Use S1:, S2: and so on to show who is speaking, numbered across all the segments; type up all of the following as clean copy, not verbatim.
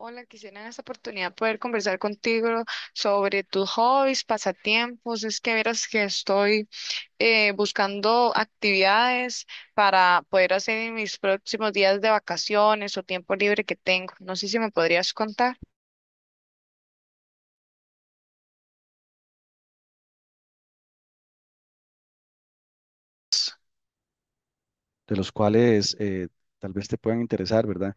S1: Hola, quisiera en esta oportunidad poder conversar contigo sobre tus hobbies, pasatiempos. Es que verás que estoy buscando actividades para poder hacer en mis próximos días de vacaciones o tiempo libre que tengo. No sé si me podrías contar.
S2: De los cuales tal vez te puedan interesar, ¿verdad?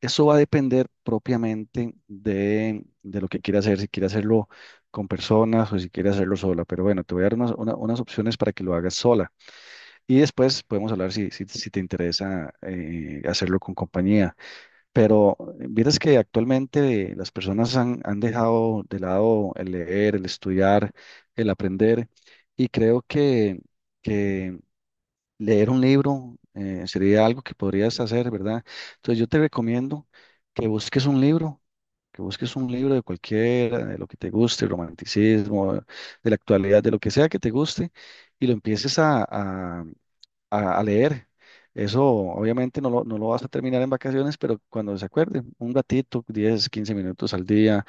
S2: Eso va a depender propiamente de lo que quiera hacer, si quiere hacerlo con personas o si quiere hacerlo sola, pero bueno, te voy a dar unas opciones para que lo hagas sola y después podemos hablar si te interesa hacerlo con compañía, pero vieras que actualmente las personas han dejado de lado el leer, el estudiar, el aprender y creo que leer un libro sería algo que podrías hacer, ¿verdad? Entonces yo te recomiendo que busques un libro, que busques un libro de cualquiera, de lo que te guste, romanticismo, de la actualidad, de lo que sea que te guste, y lo empieces a leer. Eso obviamente no lo vas a terminar en vacaciones, pero cuando se acuerde, un ratito, 10, 15 minutos al día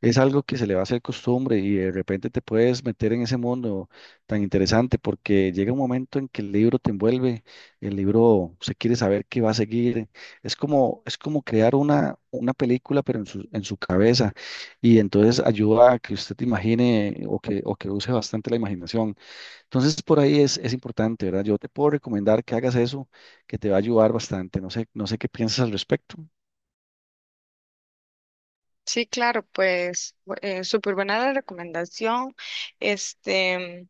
S2: es algo que se le va a hacer costumbre y de repente te puedes meter en ese mundo tan interesante porque llega un momento en que el libro te envuelve, el libro se quiere saber qué va a seguir. Es como crear una película, pero en en su cabeza y entonces ayuda a que usted te imagine o o que use bastante la imaginación. Entonces por ahí es importante, ¿verdad? Yo te puedo recomendar que hagas eso, que te va a ayudar bastante. No sé qué piensas al respecto.
S1: Sí, claro, súper buena la recomendación. Este.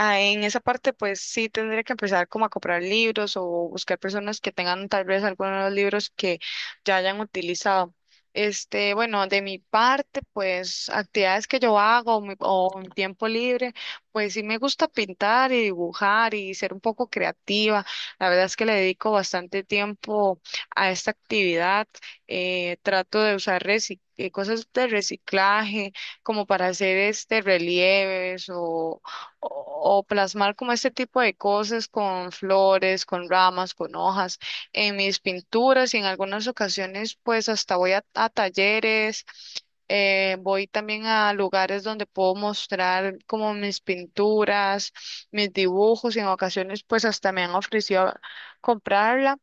S1: Ah, en esa parte, pues sí tendría que empezar como a comprar libros o buscar personas que tengan tal vez algunos de los libros que ya hayan utilizado. Este, bueno, de mi parte, pues actividades que yo hago o en tiempo libre, pues sí me gusta pintar y dibujar y ser un poco creativa. La verdad es que le dedico bastante tiempo a esta actividad. Trato de usar cosas de reciclaje como para hacer este relieves o plasmar como este tipo de cosas con flores, con ramas, con hojas en mis pinturas y en algunas ocasiones pues hasta voy a talleres, voy también a lugares donde puedo mostrar como mis pinturas, mis dibujos y en ocasiones pues hasta me han ofrecido comprarlas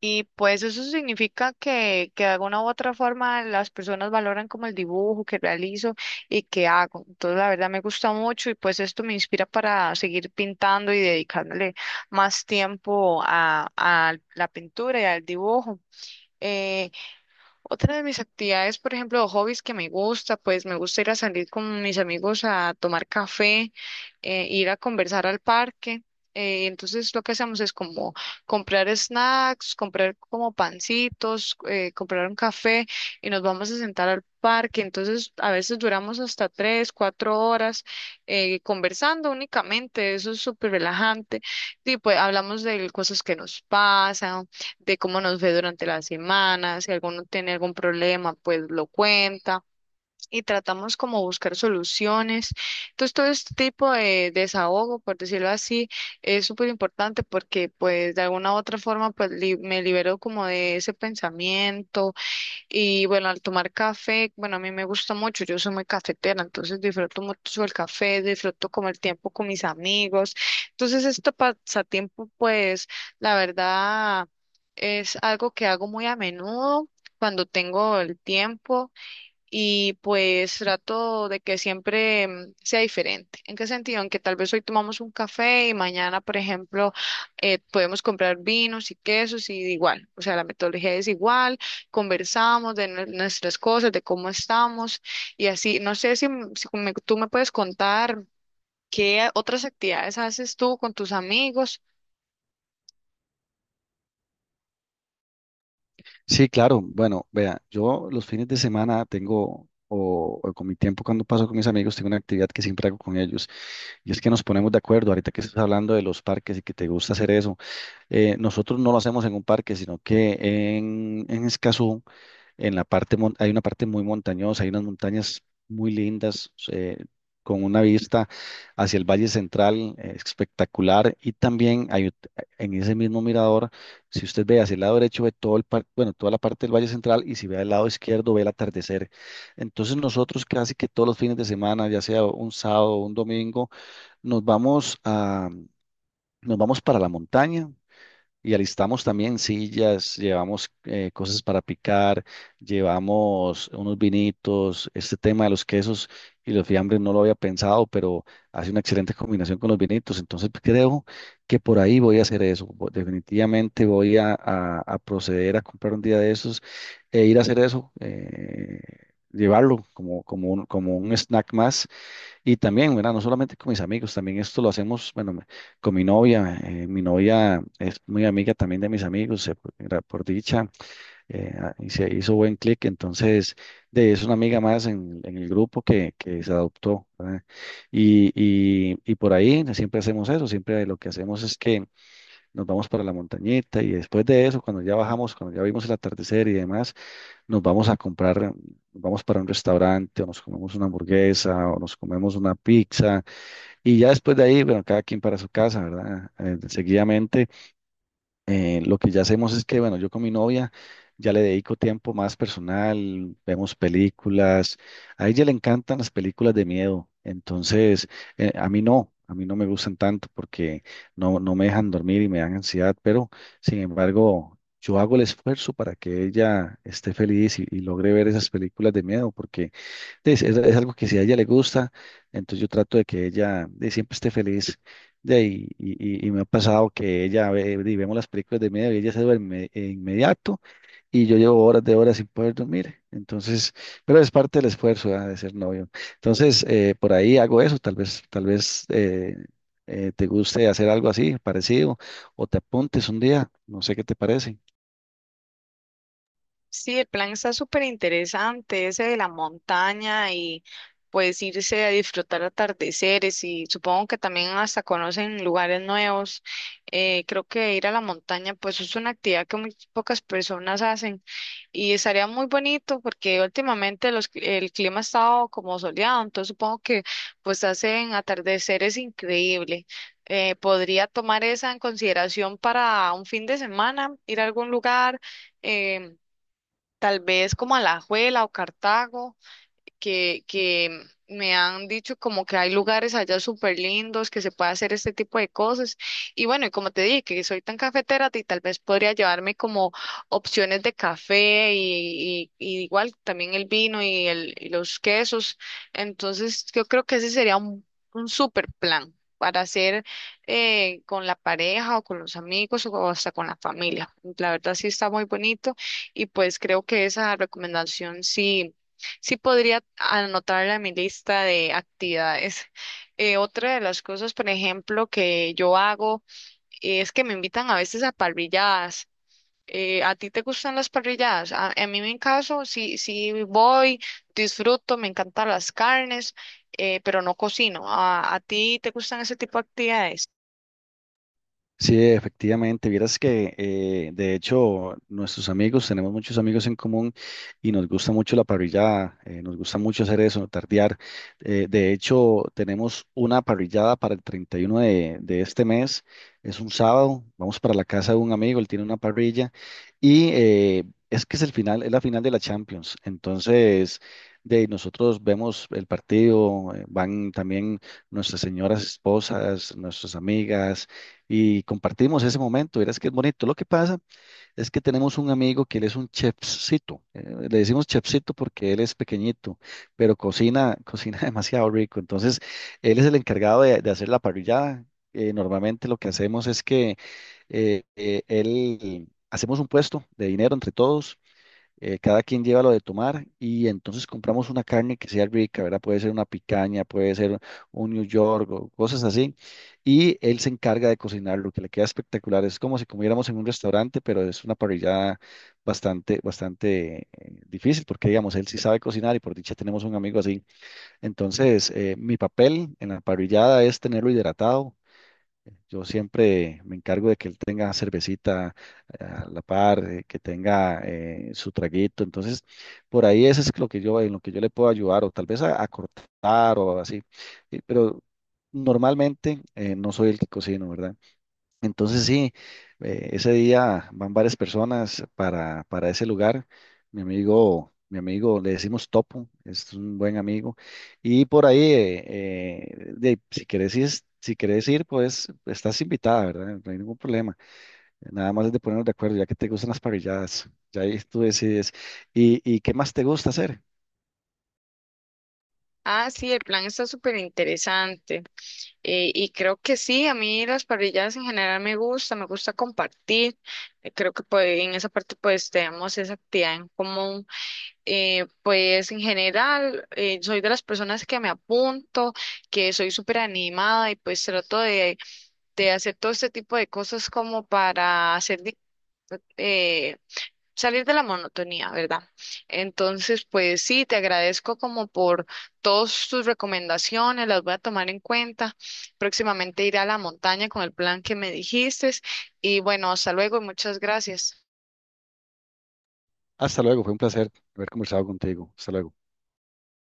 S1: y pues eso significa que de alguna u otra forma las personas valoran como el dibujo que realizo y que hago. Entonces la verdad me gusta mucho y pues esto me inspira para seguir pintando y dedicándole más tiempo a la pintura y al dibujo. Eh, otra de mis actividades, por ejemplo, o hobbies que me gusta, pues me gusta ir a salir con mis amigos a tomar café, ir a conversar al parque. Entonces lo que hacemos es como comprar snacks, comprar como pancitos, comprar un café y nos vamos a sentar al parque. Entonces a veces duramos hasta 3, 4 horas conversando únicamente. Eso es súper relajante. Y pues hablamos de cosas que nos pasan, de cómo nos ve durante la semana, si alguno tiene algún problema, pues lo cuenta y tratamos como buscar soluciones. Entonces, todo este tipo de desahogo, por decirlo así, es súper importante porque pues de alguna u otra forma me libero como de ese pensamiento y bueno, al tomar café, bueno, a mí me gusta mucho, yo soy muy cafetera, entonces disfruto mucho el café, disfruto como el tiempo con mis amigos. Entonces, este pasatiempo, pues, la verdad, es algo que hago muy a menudo cuando tengo el tiempo y pues trato de que siempre sea diferente. ¿En qué sentido? En que tal vez hoy tomamos un café y mañana, por ejemplo, podemos comprar vinos y quesos y igual, o sea, la metodología es igual, conversamos de nuestras cosas, de cómo estamos y así. No sé si tú me puedes contar qué otras actividades haces tú con tus amigos.
S2: Sí, claro. Bueno, vea, yo los fines de semana tengo, o con mi tiempo cuando paso con mis amigos, tengo una actividad que siempre hago con ellos. Y es que nos ponemos de acuerdo, ahorita que estás hablando de los parques y que te gusta hacer eso, nosotros no lo hacemos en un parque, sino que en Escazú, en la parte, hay una parte muy montañosa, hay unas montañas muy lindas, con una vista hacia el Valle Central, espectacular, y también en ese mismo mirador, si usted ve hacia el lado derecho, ve todo el bueno, toda la parte del Valle Central, y si ve al lado izquierdo, ve el atardecer. Entonces nosotros casi que todos los fines de semana, ya sea un sábado o un domingo, nos vamos a, nos vamos para la montaña y alistamos también sillas, llevamos cosas para picar, llevamos unos vinitos. Este tema de los quesos y los fiambres no lo había pensado, pero hace una excelente combinación con los vinitos. Entonces creo que por ahí voy a hacer eso. Definitivamente voy a proceder a comprar un día de esos e ir a hacer eso, llevarlo como un snack más y también, ¿verdad? No solamente con mis amigos, también esto lo hacemos, con mi novia. Mi novia es muy amiga también de mis amigos, por dicha, y se hizo buen clic. Entonces, es una amiga más en el grupo que se adoptó, ¿verdad? Y, y por ahí siempre hacemos eso, siempre lo que hacemos es que nos vamos para la montañita y después de eso, cuando ya bajamos, cuando ya vimos el atardecer y demás, nos vamos a comprar, nos vamos para un restaurante o nos comemos una hamburguesa o nos comemos una pizza y ya después de ahí, bueno, cada quien para su casa, ¿verdad? Seguidamente. Lo que ya hacemos es que, bueno, yo con mi novia ya le dedico tiempo más personal, vemos películas. A ella le encantan las películas de miedo, entonces a mí no me gustan tanto porque no me dejan dormir y me dan ansiedad, pero sin embargo, yo hago el esfuerzo para que ella esté feliz y logre ver esas películas de miedo porque es algo que si a ella le gusta, entonces yo trato de que ella siempre esté feliz. De ahí, y me ha pasado que ella ve, y vemos las películas de media y ella se duerme de inmediato y yo llevo horas de horas sin poder dormir. Entonces, pero es parte del esfuerzo, ah, de ser novio. Entonces, por ahí hago eso, tal vez te guste hacer algo así, parecido, o te apuntes un día, no sé qué te parece.
S1: Sí, el plan está súper interesante, ese de la montaña y pues irse a disfrutar atardeceres y supongo que también hasta conocen lugares nuevos. Creo que ir a la montaña pues es una actividad que muy pocas personas hacen y estaría muy bonito porque últimamente el clima ha estado como soleado, entonces supongo que pues hacen atardeceres increíble. Podría tomar esa en consideración para un fin de semana, ir a algún lugar. em, Tal vez como Alajuela o Cartago que me han dicho como que hay lugares allá súper lindos que se puede hacer este tipo de cosas. Y bueno, y como te dije, que soy tan cafetera, y tal vez podría llevarme como opciones de café y igual también el vino y los quesos. Entonces, yo creo que ese sería un súper plan para hacer con la pareja o con los amigos o hasta con la familia. La verdad sí está muy bonito y pues creo que esa recomendación sí. Sí podría anotarla a mi lista de actividades. Otra de las cosas, por ejemplo, que yo hago es que me invitan a veces a parrilladas. ¿A ti te gustan las parrilladas? A mí, en mi caso, sí, sí voy, disfruto, me encantan las carnes, pero no cocino. A ti te gustan ese tipo de actividades?
S2: Sí, efectivamente. Vieras que, de hecho, nuestros amigos, tenemos muchos amigos en común y nos gusta mucho la parrillada, nos gusta mucho hacer eso, tardear. De hecho, tenemos una parrillada para el 31 de este mes, es un sábado, vamos para la casa de un amigo, él tiene una parrilla y es que es el final, es la final de la Champions. Entonces, de nosotros vemos el partido, van también nuestras señoras esposas, nuestras amigas y compartimos ese momento. Verás que es bonito. Lo que pasa es que tenemos un amigo que él es un chefcito. Le decimos chefcito porque él es pequeñito, pero cocina, cocina demasiado rico. Entonces, él es el encargado de hacer la parrillada. Normalmente lo que hacemos es que él hacemos un puesto de dinero entre todos, cada quien lleva lo de tomar y entonces compramos una carne que sea rica, ¿verdad? Puede ser una picaña, puede ser un New York o cosas así. Y él se encarga de cocinar, lo que le queda espectacular. Es como si comiéramos en un restaurante, pero es una parrillada bastante difícil porque, digamos, él sí sabe cocinar y por dicha tenemos un amigo así. Entonces, mi papel en la parrillada es tenerlo hidratado. Yo siempre me encargo de que él tenga cervecita a la par, que tenga su traguito. Entonces, por ahí eso es lo que yo, en lo que yo le puedo ayudar, o tal vez a cortar o así. Pero normalmente no soy el que cocino, ¿verdad? Entonces sí, ese día van varias personas para ese lugar. Mi amigo, le decimos Topo, es un buen amigo. Y por ahí, de si querés ir, pues estás invitada, ¿verdad? No hay ningún problema. Nada más es de ponernos de acuerdo, ya que te gustan las parrilladas. Ya ahí tú decides. Y qué más te gusta hacer?
S1: Ah, sí, el plan está súper interesante. Y creo que sí, a mí las parrilladas en general me gusta compartir. Creo que pues, en esa parte pues tenemos esa actividad en común. Pues en general soy de las personas que me apunto, que soy súper animada y pues trato de hacer todo este tipo de cosas como para hacer... eh, salir de la monotonía, ¿verdad? Entonces, pues sí, te agradezco como por todas tus recomendaciones, las voy a tomar en cuenta. Próximamente iré a la montaña con el plan que me dijiste y bueno, hasta luego y muchas gracias.
S2: Hasta luego, fue un placer haber conversado contigo. Hasta luego.